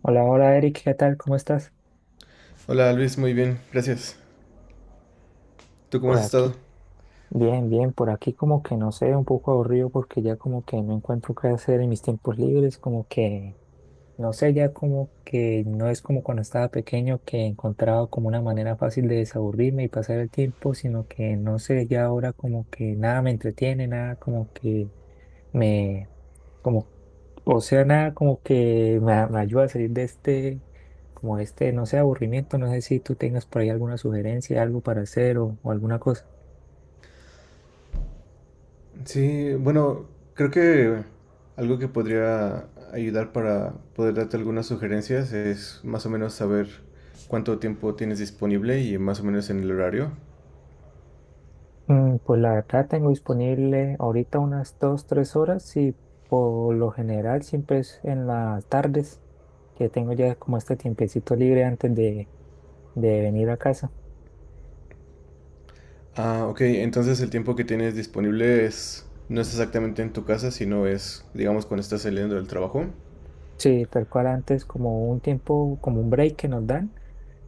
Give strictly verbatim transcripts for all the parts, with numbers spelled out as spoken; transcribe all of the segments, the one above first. Hola, hola Eric, ¿qué tal? ¿Cómo estás? Hola Luis, muy bien, gracias. ¿Tú cómo Por has estado? aquí, bien, bien, por aquí como que no sé, un poco aburrido porque ya como que no encuentro qué hacer en mis tiempos libres, como que no sé, ya como que no es como cuando estaba pequeño que encontraba como una manera fácil de desaburrirme y pasar el tiempo, sino que no sé, ya ahora como que nada me entretiene, nada como que me, como. O sea, nada como que me, a- me ayuda a salir de este, como este, no sé, aburrimiento. No sé si tú tengas por ahí alguna sugerencia, algo para hacer o, o alguna cosa. Sí, bueno, creo que algo que podría ayudar para poder darte algunas sugerencias es más o menos saber cuánto tiempo tienes disponible y más o menos en el horario. Mm, Pues la verdad tengo disponible ahorita unas dos, tres horas y por lo general siempre es en las tardes que tengo ya como este tiempecito libre antes de, de venir a casa. Ah, ok, entonces el tiempo que tienes disponible es no es exactamente en tu casa, sino es, digamos, cuando estás saliendo del trabajo. Sí, tal cual antes como un tiempo, como un break que nos dan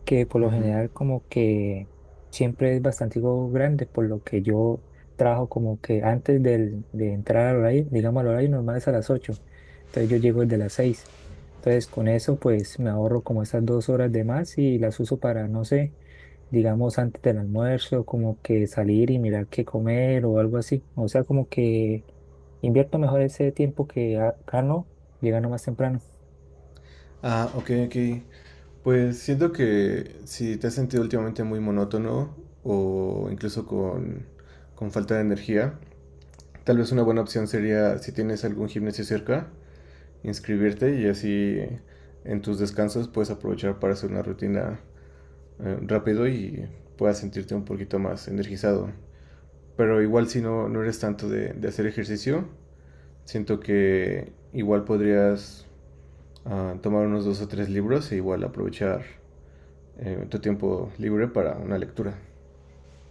que por lo Ujú. general como que siempre es bastante algo grande, por lo que yo trabajo como que antes del- de entrar al horario, digamos al horario normal es a las ocho, entonces yo llego desde las seis, entonces con eso pues me ahorro como esas dos horas de más y las uso para, no sé, digamos antes del almuerzo, como que salir y mirar qué comer o algo así, o sea, como que invierto mejor ese tiempo que a- gano llegando más temprano. Ah, ok, ok. Pues siento que si te has sentido últimamente muy monótono o incluso con, con falta de energía, tal vez una buena opción sería, si tienes algún gimnasio cerca, inscribirte y así en tus descansos puedes aprovechar para hacer una rutina eh, rápido y puedas sentirte un poquito más energizado. Pero igual si no, no eres tanto de, de hacer ejercicio, siento que igual podrías ah, tomar unos dos o tres libros e igual aprovechar eh, tu tiempo libre para una lectura.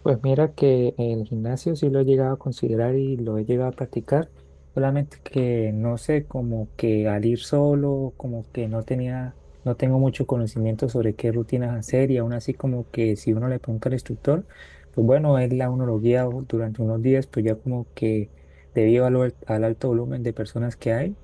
Pues mira que el gimnasio sí lo he llegado a considerar y lo he llegado a practicar, solamente que no sé, como que al ir solo, como que no tenía, no tengo mucho conocimiento sobre qué rutinas hacer y aún así como que si uno le pregunta al instructor, pues bueno, él la uno lo guía o- durante unos días, pues ya como que debido al, al alto volumen de personas que hay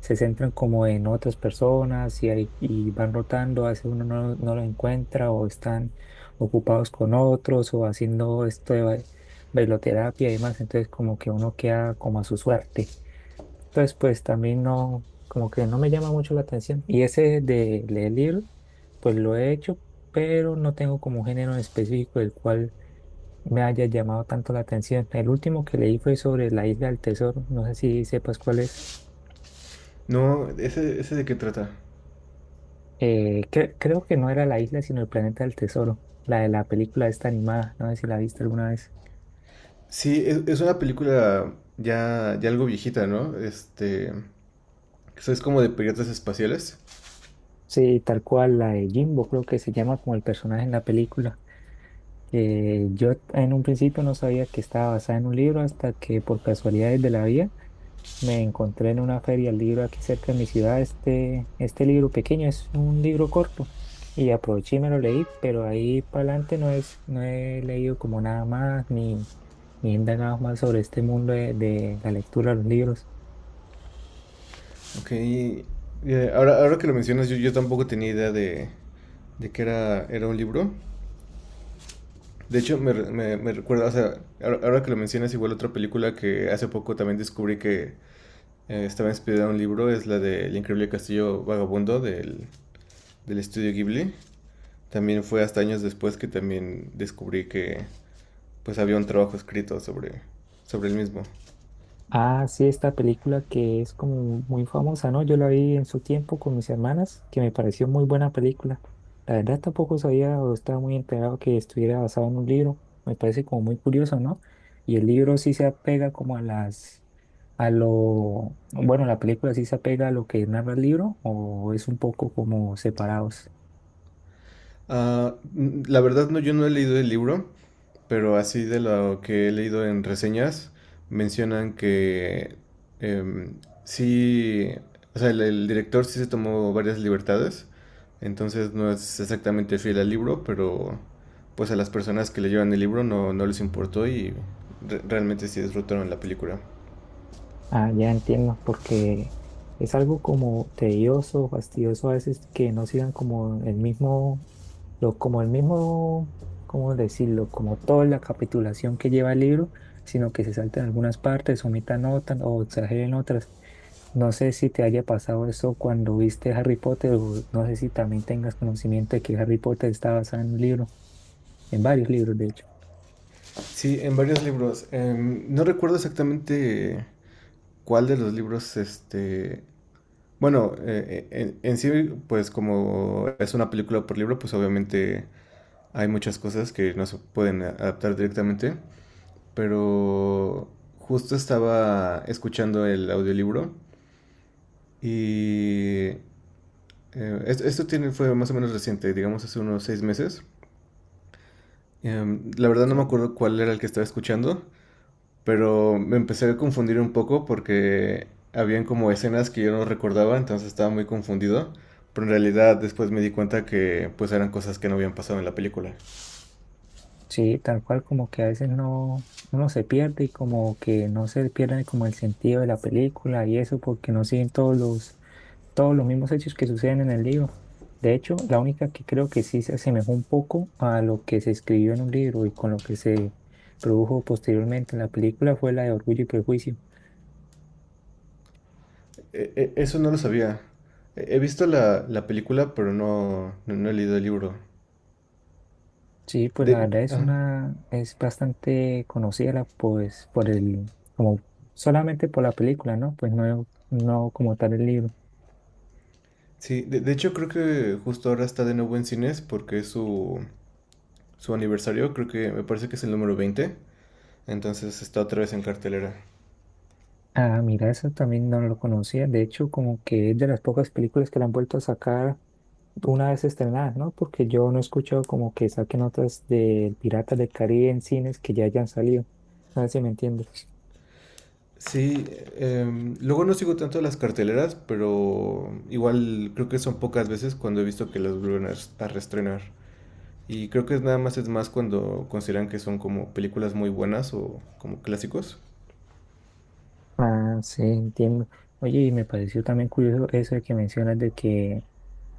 se centran como en otras personas y, ahí- y van rotando, a veces uno no, no lo encuentra o están ocupados con otros o haciendo esto de bai- bailoterapia y demás, entonces como que uno queda como a su suerte. Entonces pues también no, como que no me llama mucho la atención. Y ese de leer libros, pues lo he hecho, pero no tengo como un género en específico del cual me haya llamado tanto la atención. El último que leí fue sobre la Isla del Tesoro, no sé si sepas cuál es. No, ¿ese, ese de qué trata? Eh, cre- creo que no era la isla, sino el planeta del tesoro, la de la película esta animada, no sé si la viste alguna vez. Sí, es, es una película ya, ya algo viejita, ¿no? Este, que es como de piratas espaciales. Sí, tal cual, la de Jimbo, creo que se llama como el personaje en la película. Eh, yo en un principio no sabía que estaba basada en un libro hasta que por casualidades de la vida me encontré en una feria el libro aquí cerca de mi ciudad, este, este libro pequeño, es un libro corto y aproveché y me lo leí, pero ahí para adelante no es, no he leído como nada más ni, ni he indagado más sobre este mundo de, de la lectura de los libros. Ok, eh, ahora, ahora que lo mencionas, yo, yo tampoco tenía idea de, de que era, era un libro. De hecho, me, me, me recuerda, o sea, ahora, ahora que lo mencionas, igual otra película que hace poco también descubrí que eh, estaba inspirada en un libro, es la de El Increíble Castillo Vagabundo del, del estudio Ghibli. También fue hasta años después que también descubrí que pues había un trabajo escrito sobre, sobre el mismo. Ah, sí, esta película que es como muy famosa, ¿no? Yo la vi en su tiempo con mis hermanas, que me pareció muy buena película. La verdad tampoco sabía o estaba muy enterado que estuviera basado en un libro. Me parece como muy curioso, ¿no? Y el libro sí se apega como a las, a lo, bueno, la película sí se apega a lo que narra el libro o es un poco como separados. Ah, n- la verdad no, yo no he leído el libro, pero así de lo que he leído en reseñas, mencionan que em, sí, o sea, el, el director sí se tomó varias libertades, entonces no es exactamente fiel al libro, pero pues a las personas que leyeron el libro no, no les importó y re- realmente sí disfrutaron la película. Ah, ya entiendo, porque es algo como tedioso, fastidioso a veces que no sigan como el mismo, lo, como el mismo, ¿cómo decirlo? Como toda la capitulación que lleva el libro, sino que se salten algunas partes, omitan otras o exageren otras. No sé si te haya pasado eso cuando viste Harry Potter o no sé si también tengas conocimiento de que Harry Potter está basado en un libro, en varios libros de hecho. Sí, en varios libros. En- no recuerdo exactamente cuál de los libros, este... Bueno, eh, eh, en, en sí, pues como es una película por libro, pues obviamente hay muchas cosas que no se pueden adaptar directamente, pero justo estaba escuchando el audiolibro y eh, es- esto tiene, fue más o menos reciente, digamos hace unos seis meses. Em, la verdad no Sí. me acuerdo cuál era el que estaba escuchando, pero me empecé a confundir un poco porque habían como escenas que yo no recordaba, entonces estaba muy confundido. Pero en realidad después me di cuenta que pues eran cosas que no habían pasado en la película. Sí, tal cual como que a veces no, uno se pierde y como que no se pierde como el sentido de la película y eso porque no siguen todos los, todos los mismos hechos que suceden en el libro. De hecho, la única que creo que sí se asemejó un poco a lo que se escribió en un libro y con lo que se produjo posteriormente en la película fue la de Orgullo y Prejuicio. E- e- eso no lo sabía. He he visto la, la película, pero no, no, no he leído el libro. Sí, pues la De, verdad es ajá. una, es bastante conocida la- pues por el, como solamente por la película, ¿no? Pues no, no como tal el libro. Sí, de, de hecho creo que justo ahora está de nuevo en cines porque es su, su aniversario, creo que me parece que es el número veinte entonces está otra vez en cartelera. Ah, mira, eso también no lo conocía. De hecho, como que es de las pocas películas que la han vuelto a sacar una vez estrenada, ¿no? Porque yo no he escuchado como que saquen otras de Piratas del Caribe en cines que ya hayan salido. No sé si me entiendes. Sí, em, luego no sigo tanto las carteleras, pero igual creo que son pocas veces cuando he visto que las vuelven a, res- a reestrenar. Y creo que es nada más es más cuando consideran que son como películas muy buenas o como clásicos. Ah, sí, entiendo. Oye, y me pareció también curioso eso de que mencionas de que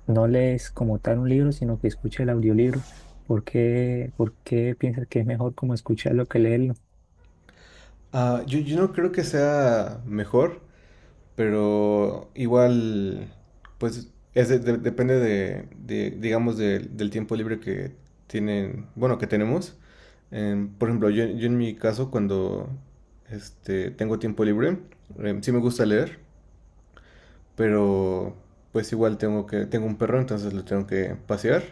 no lees como tal un libro, sino que escuchas el audiolibro. ¿Por qué, por qué piensas que es mejor como escucharlo que leerlo? Ah, yo, yo no creo que sea mejor, pero igual, pues es de- de- depende de, de, digamos, de- del tiempo libre que tienen, bueno, que tenemos. Em, por ejemplo, yo, yo en mi caso, cuando este, tengo tiempo libre, em, sí me gusta leer, pero pues igual tengo que, tengo un perro, entonces lo tengo que pasear.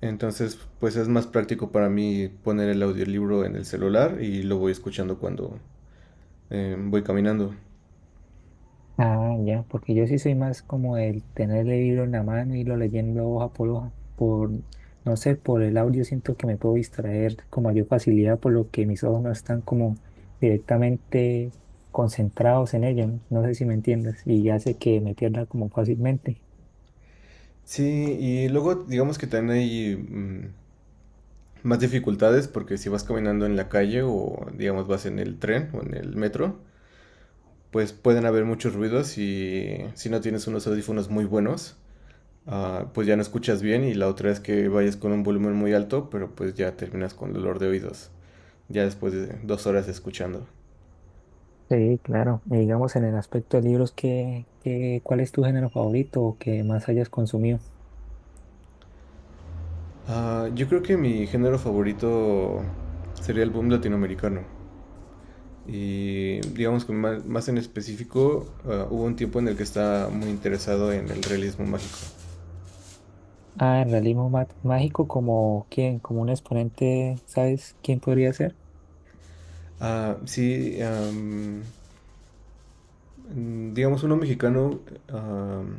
Entonces, pues es más práctico para mí poner el audiolibro en el celular y lo voy escuchando cuando em, voy caminando. Ah, ya, porque yo sí soy más como el tener el libro en la mano y lo leyendo hoja por hoja. Por, no sé, por el audio siento que me puedo distraer con mayor facilidad, por lo que mis ojos no están como directamente concentrados en ello. No, no sé si me entiendes. Y hace que me pierda como fácilmente. Sí, y luego digamos que también hay mm, más dificultades porque si vas caminando en la calle o digamos vas en el tren o en el metro, pues pueden haber muchos ruidos y si no tienes unos audífonos muy buenos, ah, pues ya no escuchas bien y la otra es que vayas con un volumen muy alto, pero pues ya terminas con dolor de oídos, ya después de dos horas escuchando. Sí, claro. Y digamos en el aspecto de libros, ¿qué, qué, cuál es tu género favorito o que más hayas consumido? Ah, yo creo que mi género favorito sería el boom latinoamericano. Y digamos que más, más en específico, uh, hubo un tiempo en el que estaba muy interesado en el realismo mágico. Ah, el realismo ma- mágico, como quién, como un exponente, ¿sabes quién podría ser? Ah, sí, um, digamos uno mexicano, um,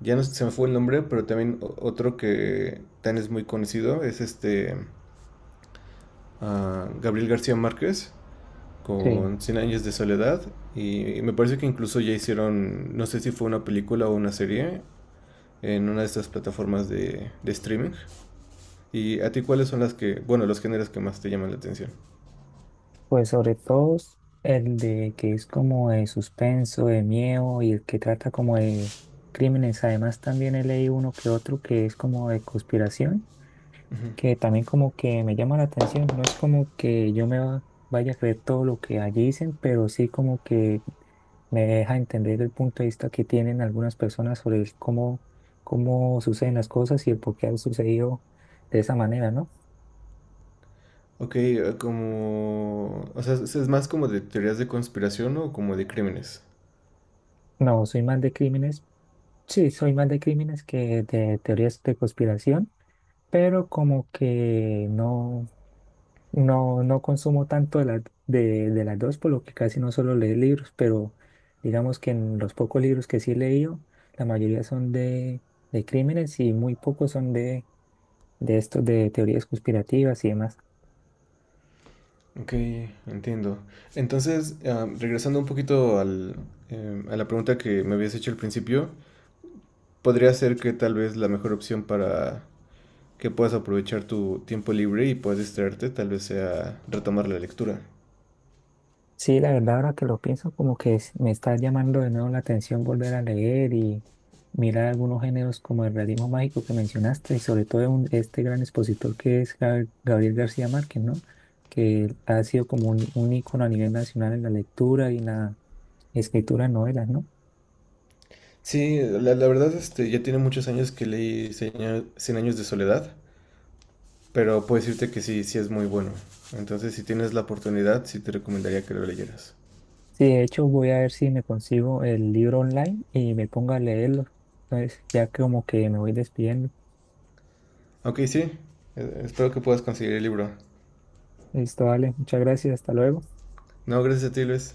ya no se me fue el nombre, pero también otro que también es muy conocido, es este uh, Gabriel García Márquez Sí. con Cien años de soledad y, y, me parece que incluso ya hicieron, no sé si fue una película o una serie en una de estas plataformas de, de streaming. ¿Y a ti cuáles son las que, bueno, los géneros que más te llaman la atención? Pues sobre todo el de que es como de suspenso, de miedo y el que trata como de crímenes. Además también he leído uno que otro que es como de conspiración, que también como que me llama la atención. No es como que yo me va- vaya a creer todo lo que allí dicen, pero sí como que me deja entender el punto de vista que tienen algunas personas sobre el cómo, cómo suceden las cosas y el por qué han sucedido de esa manera, ¿no? Ok, eh, como... O sea, ¿es es más como de teorías de conspiración o como de crímenes? No, soy más de crímenes. Sí, soy más de crímenes que de teorías de conspiración, pero como que no, no, no consumo tanto de, la- de, de las dos, por lo que casi no solo leer libros, pero digamos que en los pocos libros que sí he leído, la mayoría son de, de crímenes y muy pocos son de, de estos de teorías conspirativas y demás. Ok, entiendo. Entonces, ah, regresando un poquito al, eh, a la pregunta que me habías hecho al principio, podría ser que tal vez la mejor opción para que puedas aprovechar tu tiempo libre y puedas distraerte, tal vez sea retomar la lectura. Sí, la verdad, ahora que lo pienso, como que es- me está llamando de nuevo la atención volver a leer y mirar algunos géneros como el realismo mágico que mencionaste y sobre todo un- este gran expositor que es Ga- Gabriel García Márquez, ¿no? Que ha sido como un, un ícono a nivel nacional en la lectura y en la escritura de novelas, ¿no? Sí, la, la verdad, este, ya tiene muchos años que leí Cien años Cien años de soledad. Pero puedo decirte que sí, sí es muy bueno. Entonces, si tienes la oportunidad, sí te recomendaría que lo leyeras. Sí, de hecho voy a ver si me consigo el libro online y me pongo a leerlo. Entonces, ya como que me voy despidiendo. Ok, sí. eh, Espero que puedas conseguir el libro. Listo, vale, muchas gracias, hasta luego. No, gracias a ti, Luis.